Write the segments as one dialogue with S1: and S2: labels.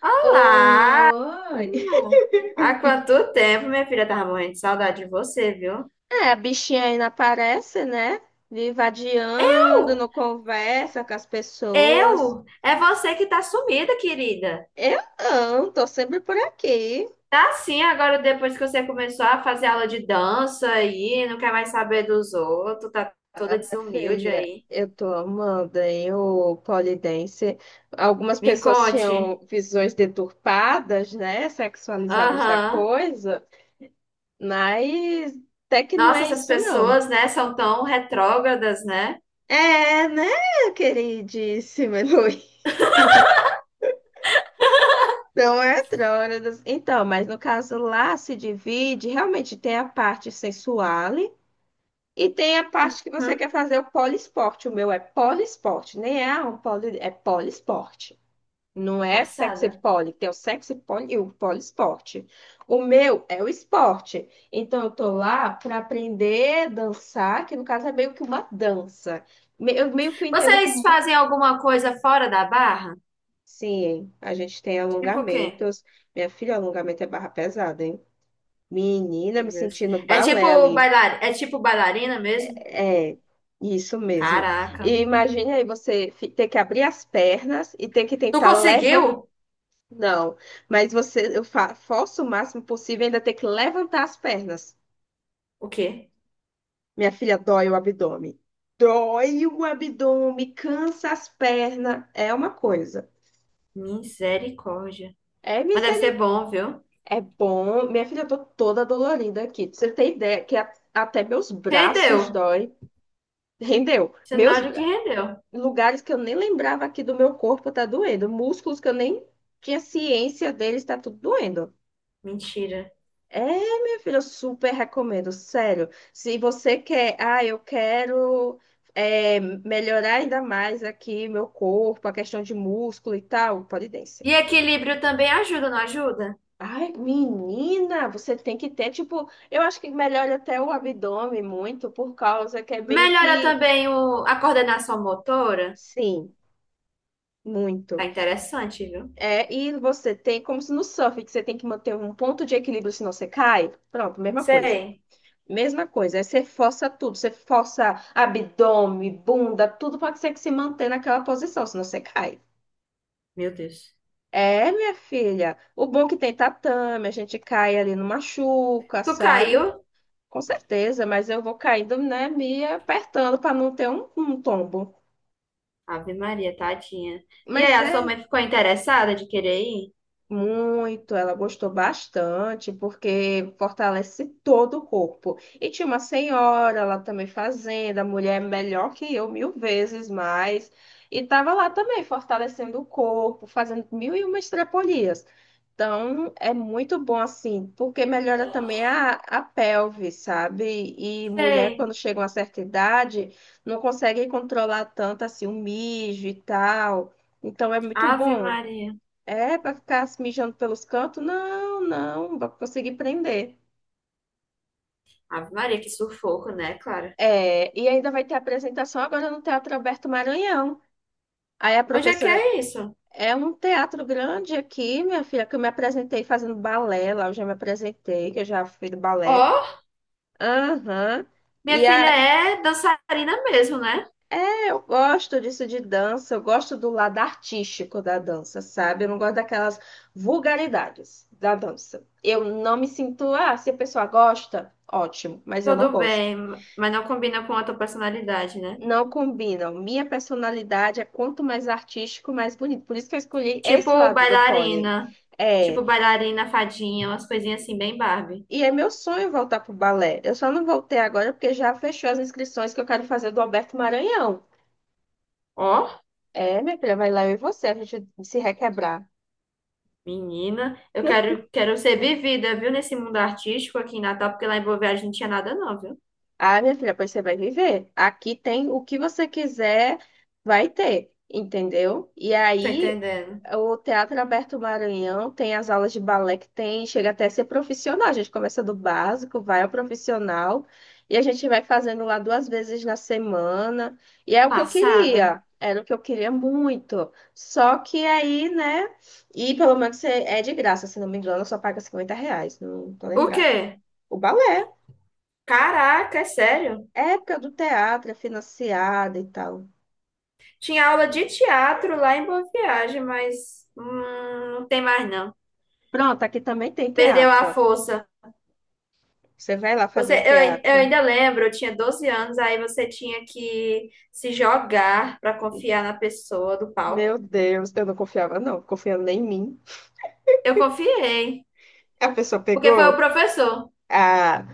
S1: Olá!
S2: Oi!
S1: Há quanto tempo, minha filha? Tava morrendo de saudade de você, viu?
S2: É, a bichinha ainda aparece, né? Viva adiando,
S1: Eu?
S2: não conversa com as pessoas.
S1: Eu? É você que tá sumida, querida.
S2: Eu não, tô sempre por aqui.
S1: Tá sim, agora depois que você começou a fazer aula de dança aí, não quer mais saber dos outros, tá
S2: Ah,
S1: toda
S2: minha
S1: desumilde
S2: filha,
S1: aí.
S2: eu tô amando, hein, o Polidense. Algumas
S1: Me
S2: pessoas
S1: conte.
S2: tinham visões deturpadas, né? Sexualizadas da
S1: Aham.
S2: coisa, mas até que não
S1: Nossa,
S2: é
S1: essas
S2: isso, não.
S1: pessoas, né, são tão retrógradas, né?
S2: É, né, queridíssima Heloísa? Não é Trônidas. Então, mas no caso lá se divide, realmente tem a parte sensual e tem a parte que você
S1: Hum,
S2: quer fazer o poliesporte. O meu é poliesporte, nem é um poli, é poliesporte. Não é sexy
S1: passada.
S2: poly, tem o sexy poly e o poliesporte. O meu é o esporte. Então, eu tô lá para aprender a dançar, que no caso é meio que uma dança. Eu meio que eu entendo
S1: Vocês
S2: como uma...
S1: fazem alguma coisa fora da barra?
S2: Sim, a gente tem
S1: Tipo o quê?
S2: alongamentos. Minha filha, alongamento é barra pesada, hein? Menina,
S1: Meu
S2: me
S1: Deus.
S2: sentindo
S1: É tipo
S2: balé ali.
S1: bailar... é tipo bailarina mesmo?
S2: É, isso mesmo.
S1: Caraca.
S2: E imagine aí você ter que abrir as pernas e ter que
S1: Tu
S2: tentar levantar.
S1: conseguiu?
S2: Não, mas você, eu forço o máximo possível e ainda ter que levantar as pernas.
S1: O quê?
S2: Minha filha, dói o abdômen. Dói o abdômen, cansa as pernas. É uma coisa.
S1: Misericórdia.
S2: É
S1: Mas deve ser
S2: misericórdia.
S1: bom, viu?
S2: É bom. Minha filha, eu tô toda dolorida aqui. Pra você ter ideia que até meus braços
S1: Rendeu.
S2: dói. Rendeu. Meus
S1: Sinal de que rendeu.
S2: lugares que eu nem lembrava aqui do meu corpo tá doendo, músculos que eu nem tinha ciência deles tá tudo doendo.
S1: Mentira.
S2: É, minha filha, eu super recomendo, sério. Se você quer, ah, eu quero é, melhorar ainda mais aqui meu corpo, a questão de músculo e tal, pole dance.
S1: E equilíbrio também ajuda, não ajuda?
S2: Ai, menina, você tem que ter, tipo, eu acho que melhora até o abdômen muito, por causa que é meio
S1: Melhora
S2: que,
S1: também o... a coordenação motora.
S2: sim,
S1: Tá
S2: muito.
S1: interessante, viu?
S2: É, e você tem, como se no surf, que você tem que manter um ponto de equilíbrio, senão você cai. Pronto, mesma coisa.
S1: Sei.
S2: Mesma coisa. Aí você força tudo, você força abdômen, bunda, tudo para que você que se manter naquela posição, senão você cai.
S1: Meu Deus.
S2: É, minha filha. O bom é que tem tatame, a gente cai ali, não machuca,
S1: Tu
S2: sabe?
S1: caiu?
S2: Com certeza, mas eu vou caindo, né, me apertando para não ter um tombo.
S1: Ave Maria, tadinha. E aí,
S2: Mas
S1: a sua
S2: é
S1: mãe ficou interessada de querer ir?
S2: Muito, ela gostou bastante, porque fortalece todo o corpo. E tinha uma senhora lá também fazendo, a mulher é melhor que eu, mil vezes mais. E estava lá também fortalecendo o corpo, fazendo mil e uma estripolias. Então, é muito bom assim, porque melhora também a pelve, sabe? E mulher,
S1: Sei.
S2: quando chega a uma certa idade, não consegue controlar tanto assim o mijo e tal. Então, é muito
S1: Ave
S2: bom.
S1: Maria.
S2: É, para ficar se mijando pelos cantos? Não, não, pra conseguir prender.
S1: Ave Maria, que sufoco, né, Clara?
S2: É, e ainda vai ter apresentação agora no Teatro Alberto Maranhão. Aí a
S1: Onde é que
S2: professora,
S1: é isso?
S2: é um teatro grande aqui, minha filha, que eu me apresentei fazendo balé lá, eu já me apresentei, que eu já fui do balé.
S1: Ó,
S2: Aham.
S1: minha
S2: E
S1: filha
S2: aí,
S1: é dançarina mesmo, né?
S2: é, eu gosto disso de dança, eu gosto do lado artístico da dança, sabe? Eu não gosto daquelas vulgaridades da dança. Eu não me sinto, ah, se a pessoa gosta, ótimo, mas eu não
S1: Tudo
S2: gosto.
S1: bem, mas não combina com a tua personalidade, né?
S2: Não combinam. Minha personalidade é quanto mais artístico, mais bonito. Por isso que eu escolhi esse
S1: Tipo
S2: lado do pole.
S1: bailarina,
S2: É,
S1: tipo bailarina fadinha, umas coisinhas assim bem Barbie.
S2: e é meu sonho voltar pro balé. Eu só não voltei agora porque já fechou as inscrições que eu quero fazer do Alberto Maranhão.
S1: Ó,
S2: É, minha filha, vai lá eu e você, a gente se requebrar.
S1: menina, eu quero, quero ser vivida, viu, nesse mundo artístico aqui em Natal, porque lá em Boa Viagem não tinha nada não, viu?
S2: Ah, minha filha, pois você vai viver. Aqui tem o que você quiser, vai ter, entendeu? E
S1: Tô
S2: aí
S1: entendendo.
S2: O Teatro Aberto Maranhão tem as aulas de balé que tem, chega até a ser profissional. A gente começa do básico, vai ao profissional e a gente vai fazendo lá duas vezes na semana. E é o que eu
S1: Passada.
S2: queria, era o que eu queria muito. Só que aí, né? E pelo menos é de graça, se não me engano, só paga R$ 50, não tô
S1: O
S2: lembrada.
S1: quê?
S2: O balé,
S1: Caraca, é sério?
S2: época do teatro, é financiada e tal.
S1: Tinha aula de teatro lá em Boa Viagem, mas não tem mais não.
S2: Pronto, aqui também tem
S1: Perdeu a
S2: teatro.
S1: força.
S2: Você vai lá fazer
S1: Você,
S2: o
S1: eu
S2: teatro.
S1: ainda lembro, eu tinha 12 anos, aí você tinha que se jogar para confiar na pessoa do palco.
S2: Meu Deus, eu não confiava, não. Confiando nem em mim.
S1: Eu confiei,
S2: A pessoa
S1: porque foi o
S2: pegou.
S1: professor.
S2: Ah,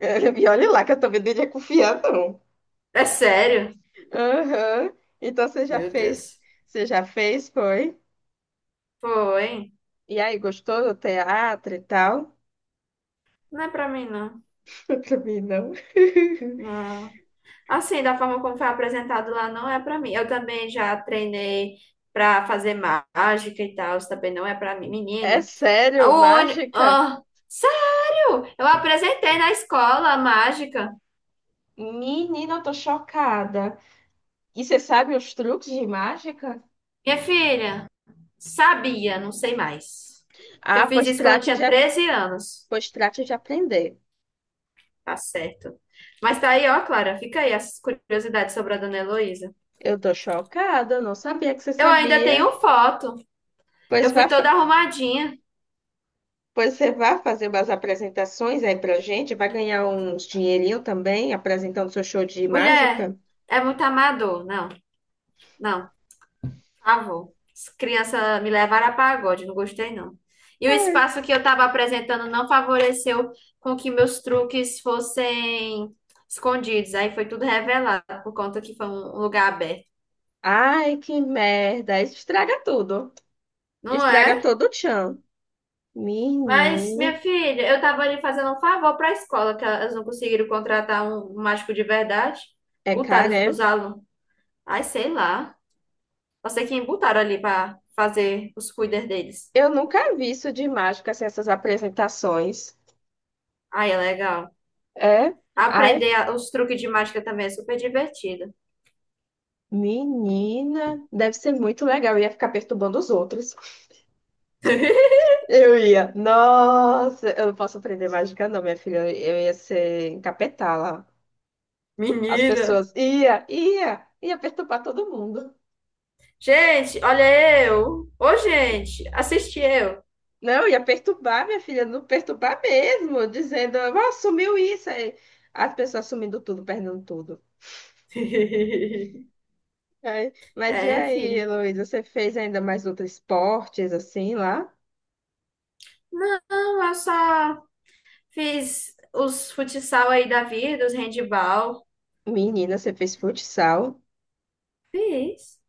S2: e olha lá que eu também não ia confiar, não.
S1: É sério?
S2: Aham. Então você já
S1: Meu
S2: fez.
S1: Deus.
S2: Você já fez, foi?
S1: Foi.
S2: E aí, gostou do teatro e tal?
S1: Não é pra mim, não.
S2: Eu também não.
S1: Não. Assim, da forma como foi apresentado lá, não é para mim. Eu também já treinei para fazer mágica e tal, isso também não é para mim.
S2: É
S1: Menina, o
S2: sério,
S1: ônibus.
S2: mágica?
S1: Ah, sério? Eu apresentei na escola a mágica.
S2: Menina, eu tô chocada. E você sabe os truques de mágica?
S1: Minha filha, sabia, não sei mais. Que eu
S2: Ah,
S1: fiz isso quando eu tinha 13 anos.
S2: pois trate de aprender.
S1: Tá certo. Mas tá aí, ó, Clara, fica aí essas curiosidades sobre a dona Heloísa.
S2: Eu tô chocada, eu não sabia que você
S1: Eu ainda
S2: sabia.
S1: tenho foto.
S2: Pois
S1: Eu
S2: vá
S1: fui toda arrumadinha.
S2: Pois você vai fazer umas apresentações aí pra gente, vai ganhar uns dinheirinho também apresentando seu show de
S1: Mulher,
S2: mágica.
S1: é muito amador. Não, não. Favor. Criança me levaram a pagode, não gostei não. E o espaço que eu estava apresentando não favoreceu com que meus truques fossem escondidos. Aí foi tudo revelado, por conta que foi um lugar aberto.
S2: Ai, que merda, isso estraga tudo.
S1: Não
S2: Estraga
S1: é?
S2: todo o tchan.
S1: Mas,
S2: Menina,
S1: minha filha, eu estava ali fazendo um favor para a escola, que elas não conseguiram contratar um mágico de verdade.
S2: é
S1: Botaram
S2: cara,
S1: para os
S2: é.
S1: alunos. Ai, sei lá. Não sei quem botaram ali para fazer os cuidados deles.
S2: Eu nunca vi isso de mágica, assim, essas apresentações.
S1: Ai, é legal.
S2: É? Ai,
S1: Aprender os truques de mágica também é super divertido.
S2: menina, deve ser muito legal. Eu ia ficar perturbando os outros. Eu ia, nossa, eu não posso aprender mágica, não, minha filha. Eu ia ser encapetada. As
S1: Menina.
S2: pessoas ia perturbar todo mundo.
S1: Gente, olha eu. Ô, gente, assisti eu.
S2: Não, ia perturbar, minha filha, não perturbar mesmo, dizendo, ó, sumiu isso aí. As pessoas sumindo tudo, perdendo tudo. Aí, mas
S1: É,
S2: e
S1: minha
S2: aí,
S1: filha.
S2: Heloísa, você fez ainda mais outros esportes assim lá?
S1: Não, eu só fiz os futsal aí da vida, os handball.
S2: Menina, você fez futsal?
S1: Fiz.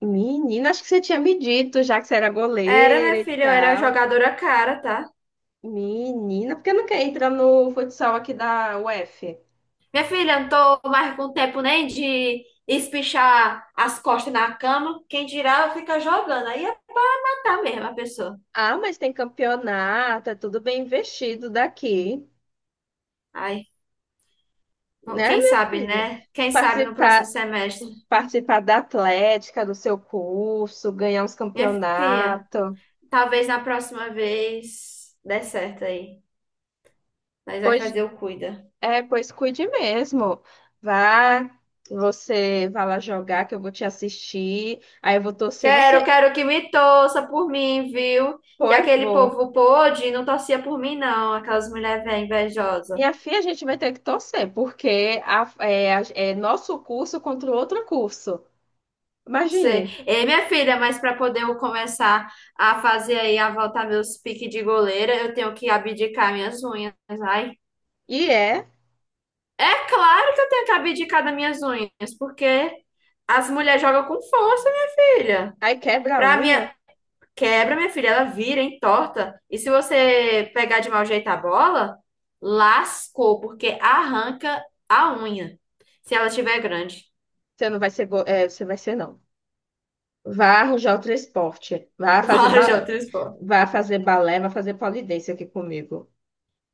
S2: Menina, acho que você tinha me dito já que você era
S1: Era, minha
S2: goleira e
S1: filha, eu era
S2: tal.
S1: jogadora cara, tá?
S2: Menina, por que nunca entra no futsal aqui da UF?
S1: Minha filha, eu não tô mais com tempo nem de espichar as costas na cama. Quem dirá, fica jogando. Aí é matar mesmo a pessoa.
S2: Ah, mas tem campeonato, é tudo bem investido daqui.
S1: Aí
S2: Né,
S1: quem
S2: minha
S1: sabe,
S2: filha?
S1: né? Quem sabe no próximo
S2: Participar,
S1: semestre.
S2: participar da atlética, do seu curso, ganhar uns
S1: Minha filha,
S2: campeonatos.
S1: talvez na próxima vez dê certo aí. Nós vai
S2: Pois,
S1: fazer o cuida.
S2: é, pois cuide mesmo. Vá, você vai lá jogar, que eu vou te assistir. Aí eu vou torcer,
S1: Quero,
S2: você.
S1: quero que me torça por mim, viu? Que
S2: Pô, eu
S1: aquele
S2: vou.
S1: povo pôde não torcia por mim, não. Aquelas mulheres velhas invejosas.
S2: Minha filha, a gente vai ter que torcer, porque é nosso curso contra o outro curso.
S1: Sei.
S2: Imagine.
S1: Ei, minha filha, mas para poder eu começar a fazer aí, a voltar meus piques de goleira, eu tenho que abdicar minhas unhas. Ai,
S2: E é,
S1: é claro que eu tenho que abdicar das minhas unhas, porque as mulheres jogam com força, minha filha.
S2: aí quebra a
S1: Pra
S2: unha.
S1: minha quebra, minha filha, ela vira, entorta. E se você pegar de mau jeito a bola, lascou, porque arranca a unha, se ela tiver grande.
S2: Você não vai ser, você vai ser, não. Vá arranjar o transporte. Vá fazer,
S1: Fala, João Trispó.
S2: vá fazer balé, vá fazer polidência aqui comigo.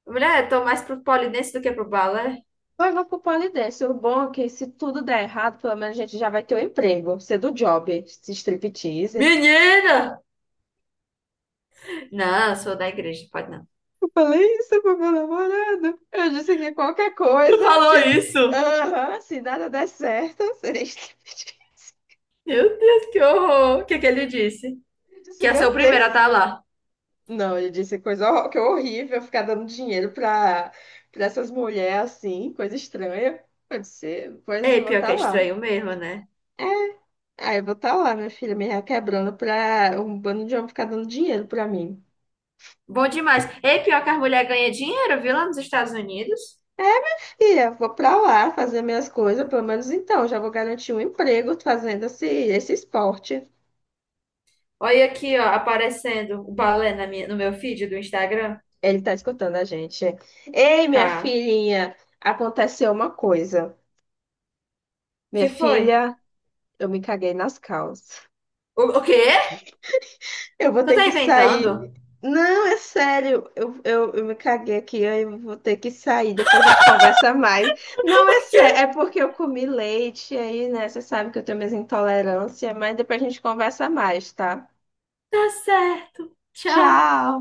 S1: Mulher, eu tô mais pro polidense do que pro balé.
S2: Vai, vamos pro polidência. O bom é que se tudo der errado, pelo menos a gente já vai ter o emprego. Ser do job, se striptease.
S1: Menina! Não, eu sou da igreja, pode não.
S2: Eu falei isso pro meu namorado. Eu disse que qualquer
S1: Tu
S2: coisa,
S1: falou
S2: se,
S1: isso?
S2: Aham, se nada der certo, seria striptease.
S1: Meu Deus, que horror! O que que ele disse?
S2: Eu
S1: Que
S2: disse,
S1: ia ser o
S2: meu
S1: primeiro a
S2: Deus.
S1: estar lá.
S2: Não, ele disse coisa que horrível, ficar dando dinheiro pra, pra essas mulheres assim, coisa estranha. Pode ser, pois
S1: Ei,
S2: eu vou
S1: pior
S2: estar
S1: que é
S2: lá.
S1: estranho mesmo, né?
S2: É, aí eu vou estar lá, minha filha, me requebrando pra um bando de homem ficar dando dinheiro pra mim.
S1: Bom demais. Ei, pior que as mulheres ganham dinheiro, viu, lá nos Estados Unidos?
S2: É, filha, vou pra lá fazer minhas coisas, pelo menos então, já vou garantir um emprego fazendo esse esporte.
S1: Olha aqui, ó, aparecendo o balé na minha, no meu feed do Instagram.
S2: Ele tá escutando a gente. Ei, minha
S1: Tá.
S2: filhinha, aconteceu uma coisa. Minha
S1: Que foi?
S2: filha, eu me caguei nas calças.
S1: O quê?
S2: Eu vou
S1: Tu
S2: ter
S1: tá
S2: que
S1: inventando?
S2: sair. Não, é sério. Eu me caguei aqui, aí eu vou ter que sair. Depois a gente conversa mais. Não,
S1: O
S2: é sério. É
S1: quê?
S2: porque eu comi leite aí, né? Você sabe que eu tenho minhas intolerâncias, mas depois a gente conversa mais, tá?
S1: Tá certo. Tchau.
S2: Tchau!